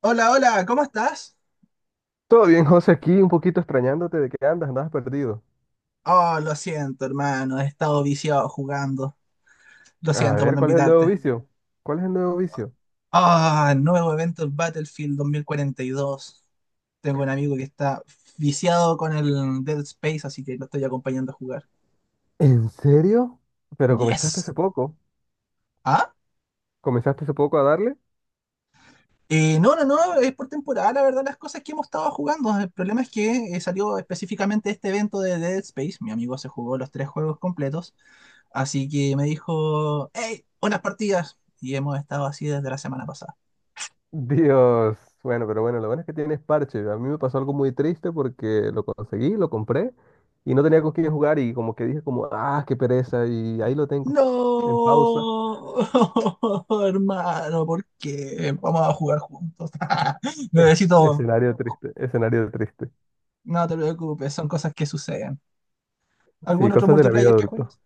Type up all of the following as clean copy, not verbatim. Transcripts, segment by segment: Hola, hola, ¿cómo estás? Todo bien, José, aquí un poquito extrañándote de que andabas perdido. Oh, lo siento, hermano, he estado viciado jugando. Lo A siento por ver, no ¿cuál es el nuevo invitarte. vicio? ¿Cuál es el nuevo vicio? Nuevo evento del Battlefield 2042. Tengo un amigo que está viciado con el Dead Space, así que lo estoy acompañando a jugar. ¿En serio? Pero comenzaste Yes. hace poco. ¿Ah? ¿Comenzaste hace poco a darle? No, no, no, es por temporada, la verdad, las cosas que hemos estado jugando. El problema es que salió específicamente este evento de Dead Space. Mi amigo se jugó los tres juegos completos. Así que me dijo, hey, unas partidas. Y hemos estado así desde la semana pasada. Dios. Bueno, pero bueno, lo bueno es que tienes parche. A mí me pasó algo muy triste porque lo conseguí, lo compré y no tenía con quién jugar y como que dije como, ah, qué pereza y ahí lo tengo, en pausa. No, hermano, ¿por qué? Vamos a jugar juntos. Necesito... Escenario triste, escenario triste. No te preocupes, son cosas que suceden. Sí, ¿Algún otro cosas de la vida multiplayer que adulta. juegues?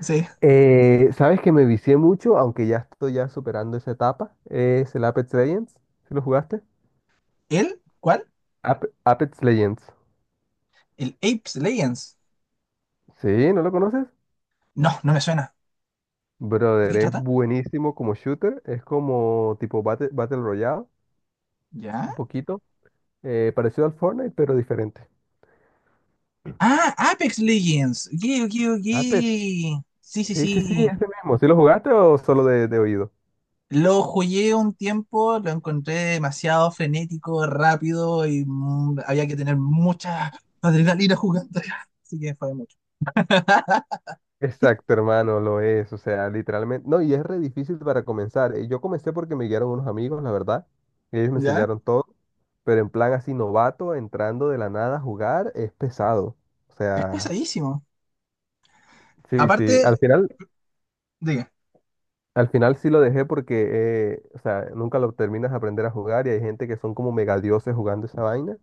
Sí. ¿Sabes que me vicié mucho, aunque ya estoy superando esa etapa? Es el Apex Legends. ¿Sí lo jugaste? ¿El? ¿Cuál? Apex Legends. ¿El Apex Legends? ¿Sí? ¿No lo conoces? No, no me suena. ¿De Brother, qué es trata? buenísimo como shooter. Es como tipo Battle Royale, ¿Ya? un poquito. Parecido al Fortnite, pero diferente. Ah, Apex Legends. Ok, ok, ok. Apex. Sí, sí, Sí, sí. ese mismo. ¿Sí lo jugaste o solo de oído? Lo jugué un tiempo, lo encontré demasiado frenético, rápido y mm, había que tener mucha adrenalina jugando. Así que fue mucho. Exacto, hermano, lo es, o sea, literalmente, no, y es re difícil para comenzar. Yo comencé porque me guiaron unos amigos, la verdad, y ellos me ¿Ya? enseñaron todo, pero en plan así novato, entrando de la nada a jugar, es pesado. O Es sea, pesadísimo. sí, Aparte, diga, al final sí lo dejé porque, o sea, nunca lo terminas de aprender a jugar y hay gente que son como mega dioses jugando esa vaina,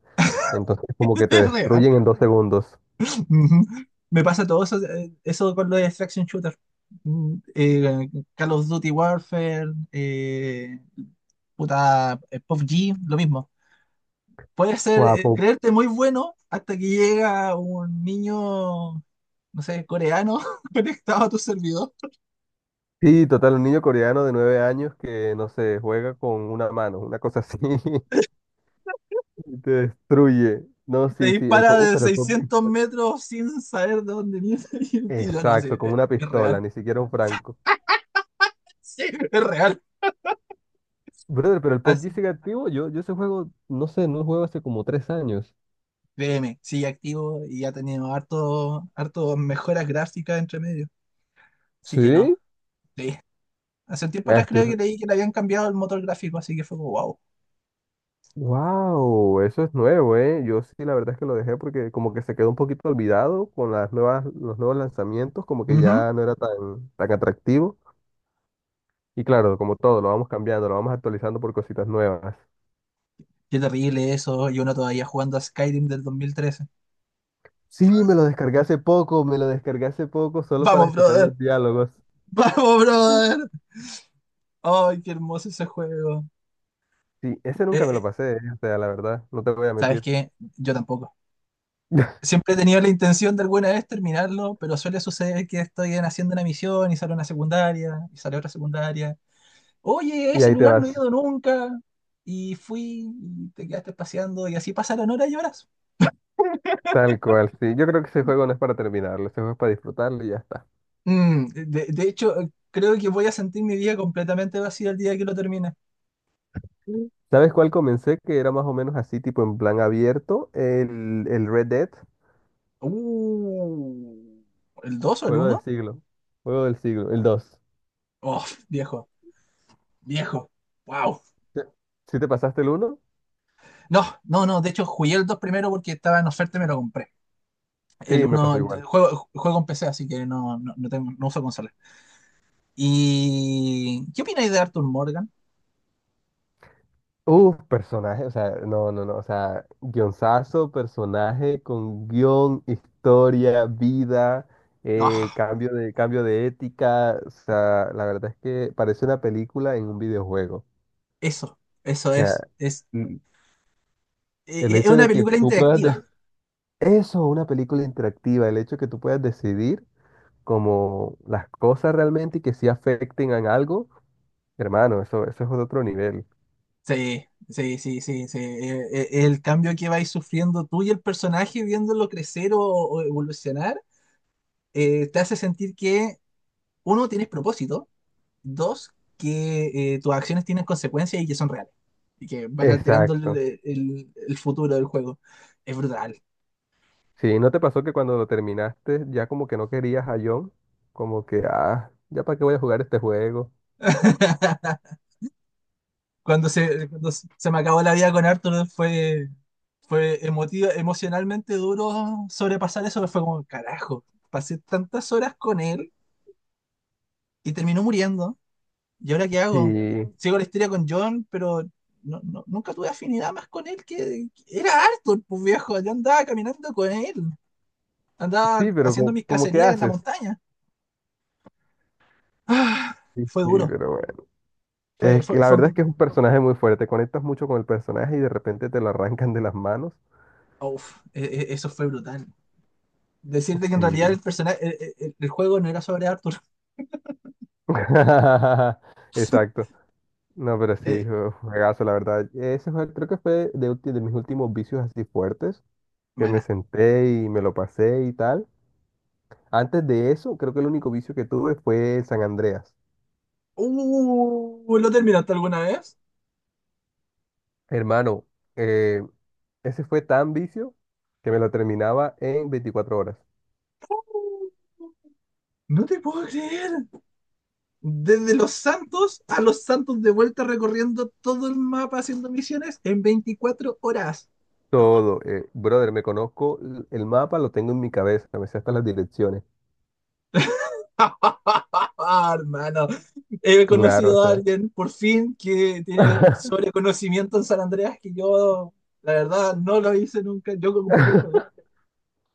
entonces como que te es real. destruyen en dos segundos. Ujú. Me pasa todo eso, eso con los extraction shooter. Mm, eh, Call of Duty Warfare, eh, puta, PUBG, lo mismo. Puedes ser, Guapo. creerte muy bueno hasta que llega un niño, no sé, coreano conectado a tu servidor. Sí, total, un niño coreano de nueve años que, no sé, juega con una mano, una cosa así, y te destruye. No, Te sí, sí, el dispara de PUBG, pero el 600 PUBG, metros sin saber de dónde viene el tiro. No, sí, exacto, con una es pistola, real. ni siquiera un franco. Sí, es real. Brother, pero el Así, PUBG sigue activo, yo ese juego, no sé, no lo juego hace como 3 años. créeme, sigue activo y ha tenido harto, harto mejoras gráficas entre medio. Así que no, ¿Sí? sí. Hace un tiempo Ah, atrás creo que estoy... leí que le habían cambiado el motor gráfico, así que fue como wow. Wow, eso es nuevo, ¿eh? Yo sí, la verdad es que lo dejé porque como que se quedó un poquito olvidado con las nuevas, los nuevos lanzamientos, como que Ujú. ya no era tan atractivo. Y claro, como todo, lo vamos cambiando, lo vamos actualizando por cositas nuevas. Qué terrible eso, y uno todavía jugando a Skyrim del 2013. Sí, me lo descargué hace poco, me lo descargué hace poco solo para Vamos, escuchar brother. los diálogos. Vamos, brother. Ay, qué hermoso ese juego. Sí, ese Eh, nunca me lo eh, pasé, o sea, la verdad, no te voy a ¿Sabes mentir. qué? Yo tampoco. Siempre he tenido la intención de alguna vez terminarlo, pero suele suceder que haciendo una misión y sale una secundaria, y sale otra secundaria. Oye, a Y ese ahí te lugar no he vas, ido nunca. Y fui, y te quedaste paseando, y así pasaron horas y horas. tal cual, sí. Yo creo que ese juego no es para terminarlo, ese juego es para disfrutarlo y ya está. Mm, de hecho, creo que voy a sentir mi vida completamente vacía el día que lo termine. Mm. ¿Sabes cuál comencé? Que era más o menos así, tipo en plan abierto, el Red Dead, Uh, ¿El 2 o el juego del uno? siglo, juego del siglo, el 2. Oh, viejo, viejo. Wow. ¿Sí sí te pasaste el uno? No, no, no. De hecho, jugué el 2 primero porque estaba en oferta y me lo compré. El Sí, me pasó uno, igual. Juego en PC, así que no, no, no tengo, no uso consola. ¿Y qué opináis de Arthur Morgan? Uf, personaje, o sea, no, o sea, guionzazo, personaje con guión, historia, vida, Ah, cambio cambio de ética, o sea, la verdad es que parece una película en un videojuego. eso, eso O es. sea, mm, el Es hecho una de que película tú puedas, interactiva. Eso, una película interactiva, el hecho de que tú puedas decidir como las cosas realmente y que sí afecten a algo, hermano, eso es otro nivel. Sí, sí, sí, sí, sí. El cambio que vais sufriendo tú y el personaje viéndolo crecer o evolucionar, te hace sentir que uno tienes propósito. Dos, que tus acciones tienen consecuencias y que son reales. Y que van alterando Exacto. El futuro del juego. Es brutal. Sí, ¿no te pasó que cuando lo terminaste ya como que no querías a John? Como que, ah, ¿ya para qué voy a jugar este juego? Cuando cuando se me acabó la vida con Arthur fue, fue emotivo, emocionalmente duro sobrepasar eso. Fue como, carajo, pasé tantas horas con él y terminó muriendo. ¿Y ahora qué hago? Sí, Sigo la historia con John, pero no, nunca tuve afinidad más con él que era Arthur, pues viejo. Yo andaba caminando con él. Andaba sí, pero haciendo mis como, que cacerías en la haces. montaña. Ah, Sí, fue sí, duro. pero bueno. Es que la Fue un verdad es que es un personaje muy fuerte. Conectas mucho con el personaje y de repente te lo arrancan de las manos. Eso fue brutal. Decirte que en realidad Sí. el personaje, el juego no era sobre Arthur. Exacto. No, pero sí, Eh, juegazo, la verdad. Ese juego creo que fue de, de mis últimos vicios así fuertes, que me buena. senté y me lo pasé y tal. Antes de eso, creo que el único vicio que tuve fue San Andreas. ¿Lo terminaste alguna vez? Hermano, eh, ese fue tan vicio que me lo terminaba en 24 horas. No te puedo creer. Desde Los Santos a Los Santos de vuelta recorriendo todo el mapa haciendo misiones en 24 horas. No. Todo, brother, me conozco el mapa, lo tengo en mi cabeza, me sé hasta las direcciones. Hermano, he Claro, o conocido a sea. alguien por fin que tiene sobreconocimiento en San Andreas que yo, la verdad, no lo hice nunca. Yo completé el juego,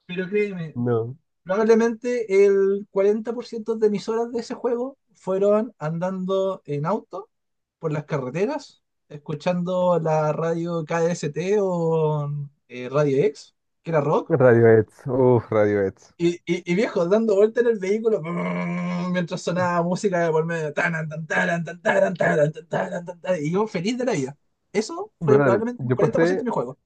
pero créeme, No. probablemente el 40% de mis horas de ese juego fueron andando en auto por las carreteras, escuchando la radio KDST o Radio X, que era rock Radiohead, uff, Radiohead. Y viejo, dando vuelta en el vehículo brrr, mientras sonaba música de por medio. Taran, tan, taran, tan, taran, tan, taran, y yo feliz de la vida. Eso fue Brother, probablemente el yo 40% pasé, de mi juego.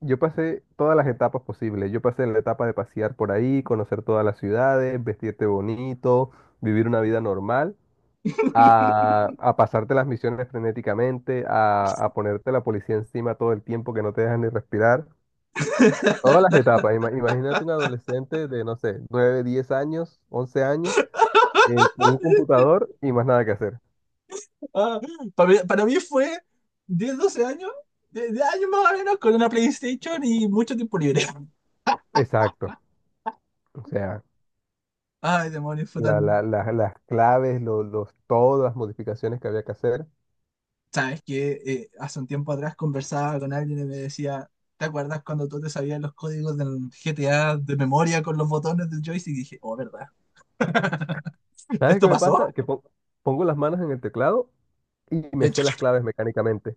yo pasé todas las etapas posibles. Yo pasé la etapa de pasear por ahí, conocer todas las ciudades, vestirte bonito, vivir una vida normal, a pasarte las misiones frenéticamente, a ponerte la policía encima todo el tiempo que no te dejan ni respirar. Todas las etapas. Imagínate un adolescente de, no sé, 9 10 años, 11 años, con un computador y más nada que hacer. Ah, mí, para mí fue 10 12 años, de años más o menos, con una PlayStation y mucho tiempo libre. Exacto. O sea, Ay, demonios, fue tan... las claves, los, todas las modificaciones que había que hacer. Sabes que hace un tiempo atrás conversaba con alguien y me decía, ¿te acuerdas cuando tú te sabías los códigos del GTA de memoria con los botones del joystick? Y dije, oh, ¿verdad? ¿Sabes qué ¿Esto me pasó? pasa? Que pongo las manos en el teclado y me Eh, sé las claves mecánicamente.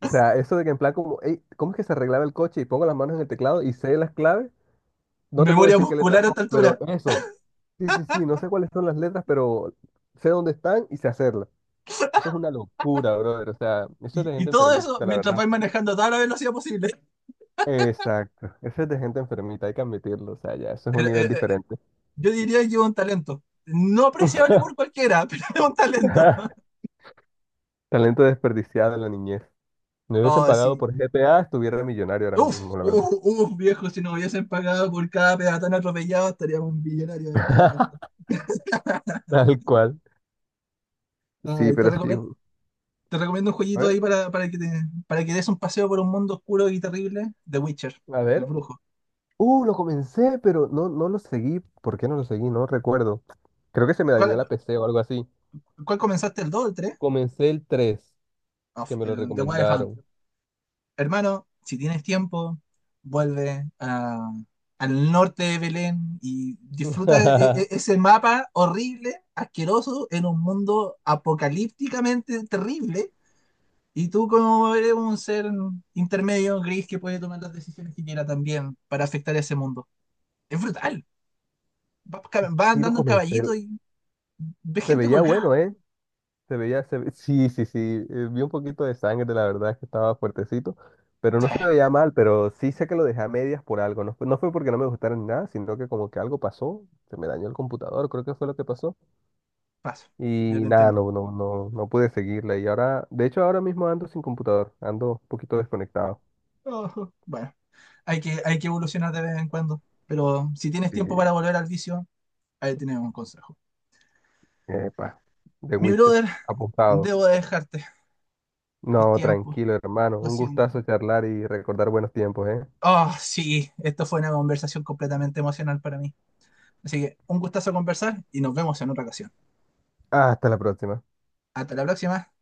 O sea, eso de que en plan como, "Ey, ¿cómo es que se arreglaba el coche?" Y pongo las manos en el teclado y sé las claves. No te puedo Memoria decir qué letras muscular a son, esta pero altura. eso. Sí, no sé cuáles son las letras, pero sé dónde están y sé hacerlas. Eso es una locura, brother. O sea, eso es de Y gente todo eso enfermita, la mientras verdad. vais manejando a toda la velocidad posible. Exacto. Eso es de gente enfermita, hay que admitirlo. O sea, ya, eso es Eh, un nivel eh, eh, diferente. yo diría que es un talento. No apreciable por cualquiera, pero es un talento. Talento desperdiciado en la niñez. Me hubiesen Oh, pagado sí. por GPA, estuviera millonario ahora Uf, mismo, la uf, verdad. uf, viejo, si nos hubiesen pagado por cada peatón atropellado, estaríamos millonarios en este momento. Tal cual. Sí, Ay, pero sí. Te recomiendo un A jueguito ver, ahí para, para que des un paseo por un mundo oscuro y terrible. The Witcher, a el ver. brujo. Lo comencé, pero no lo seguí. ¿Por qué no lo seguí? No recuerdo. Creo que se me dañó ¿Cuál, la PC o algo así. cuál comenzaste? ¿El 2 o el 3? Comencé el 3 que me lo El The Wild recomendaron. hermano, si tienes tiempo, vuelve a- al norte de Belén y disfruta ese mapa horrible, asqueroso, en un mundo apocalípticamente terrible. Y tú como eres un ser intermedio, gris, que puede tomar las decisiones que quiera también para afectar ese mundo. Es brutal. Vas Sí, lo andando en comencé. caballito y ves Se gente veía colgada. bueno, ¿eh? Se veía, sí, sí, sí. Vi un poquito de sangre, la verdad es que estaba fuertecito, pero Sí, no se veía mal, pero sí sé que lo dejé a medias por algo. No, no fue porque no me gustara ni nada, sino que como que algo pasó, se me dañó el computador, creo que fue lo que pasó. paso. Yo Y te nada, entiendo. No pude seguirla. Y ahora, de hecho, ahora mismo ando sin computador, ando un poquito desconectado. Ojo. Bueno, hay que evolucionar de vez en cuando. Pero si tienes tiempo para Y, volver al vicio, ahí tienes un consejo. epa, The Mi Witcher, brother, apuntado. debo de dejarte. Es No, tiempo. tranquilo, hermano. Lo Un siento. gustazo charlar y recordar buenos tiempos, ¿eh? Oh, sí, esto fue una conversación completamente emocional para mí. Así que un gustazo conversar y nos vemos en otra ocasión. Hasta la próxima. Hasta la próxima.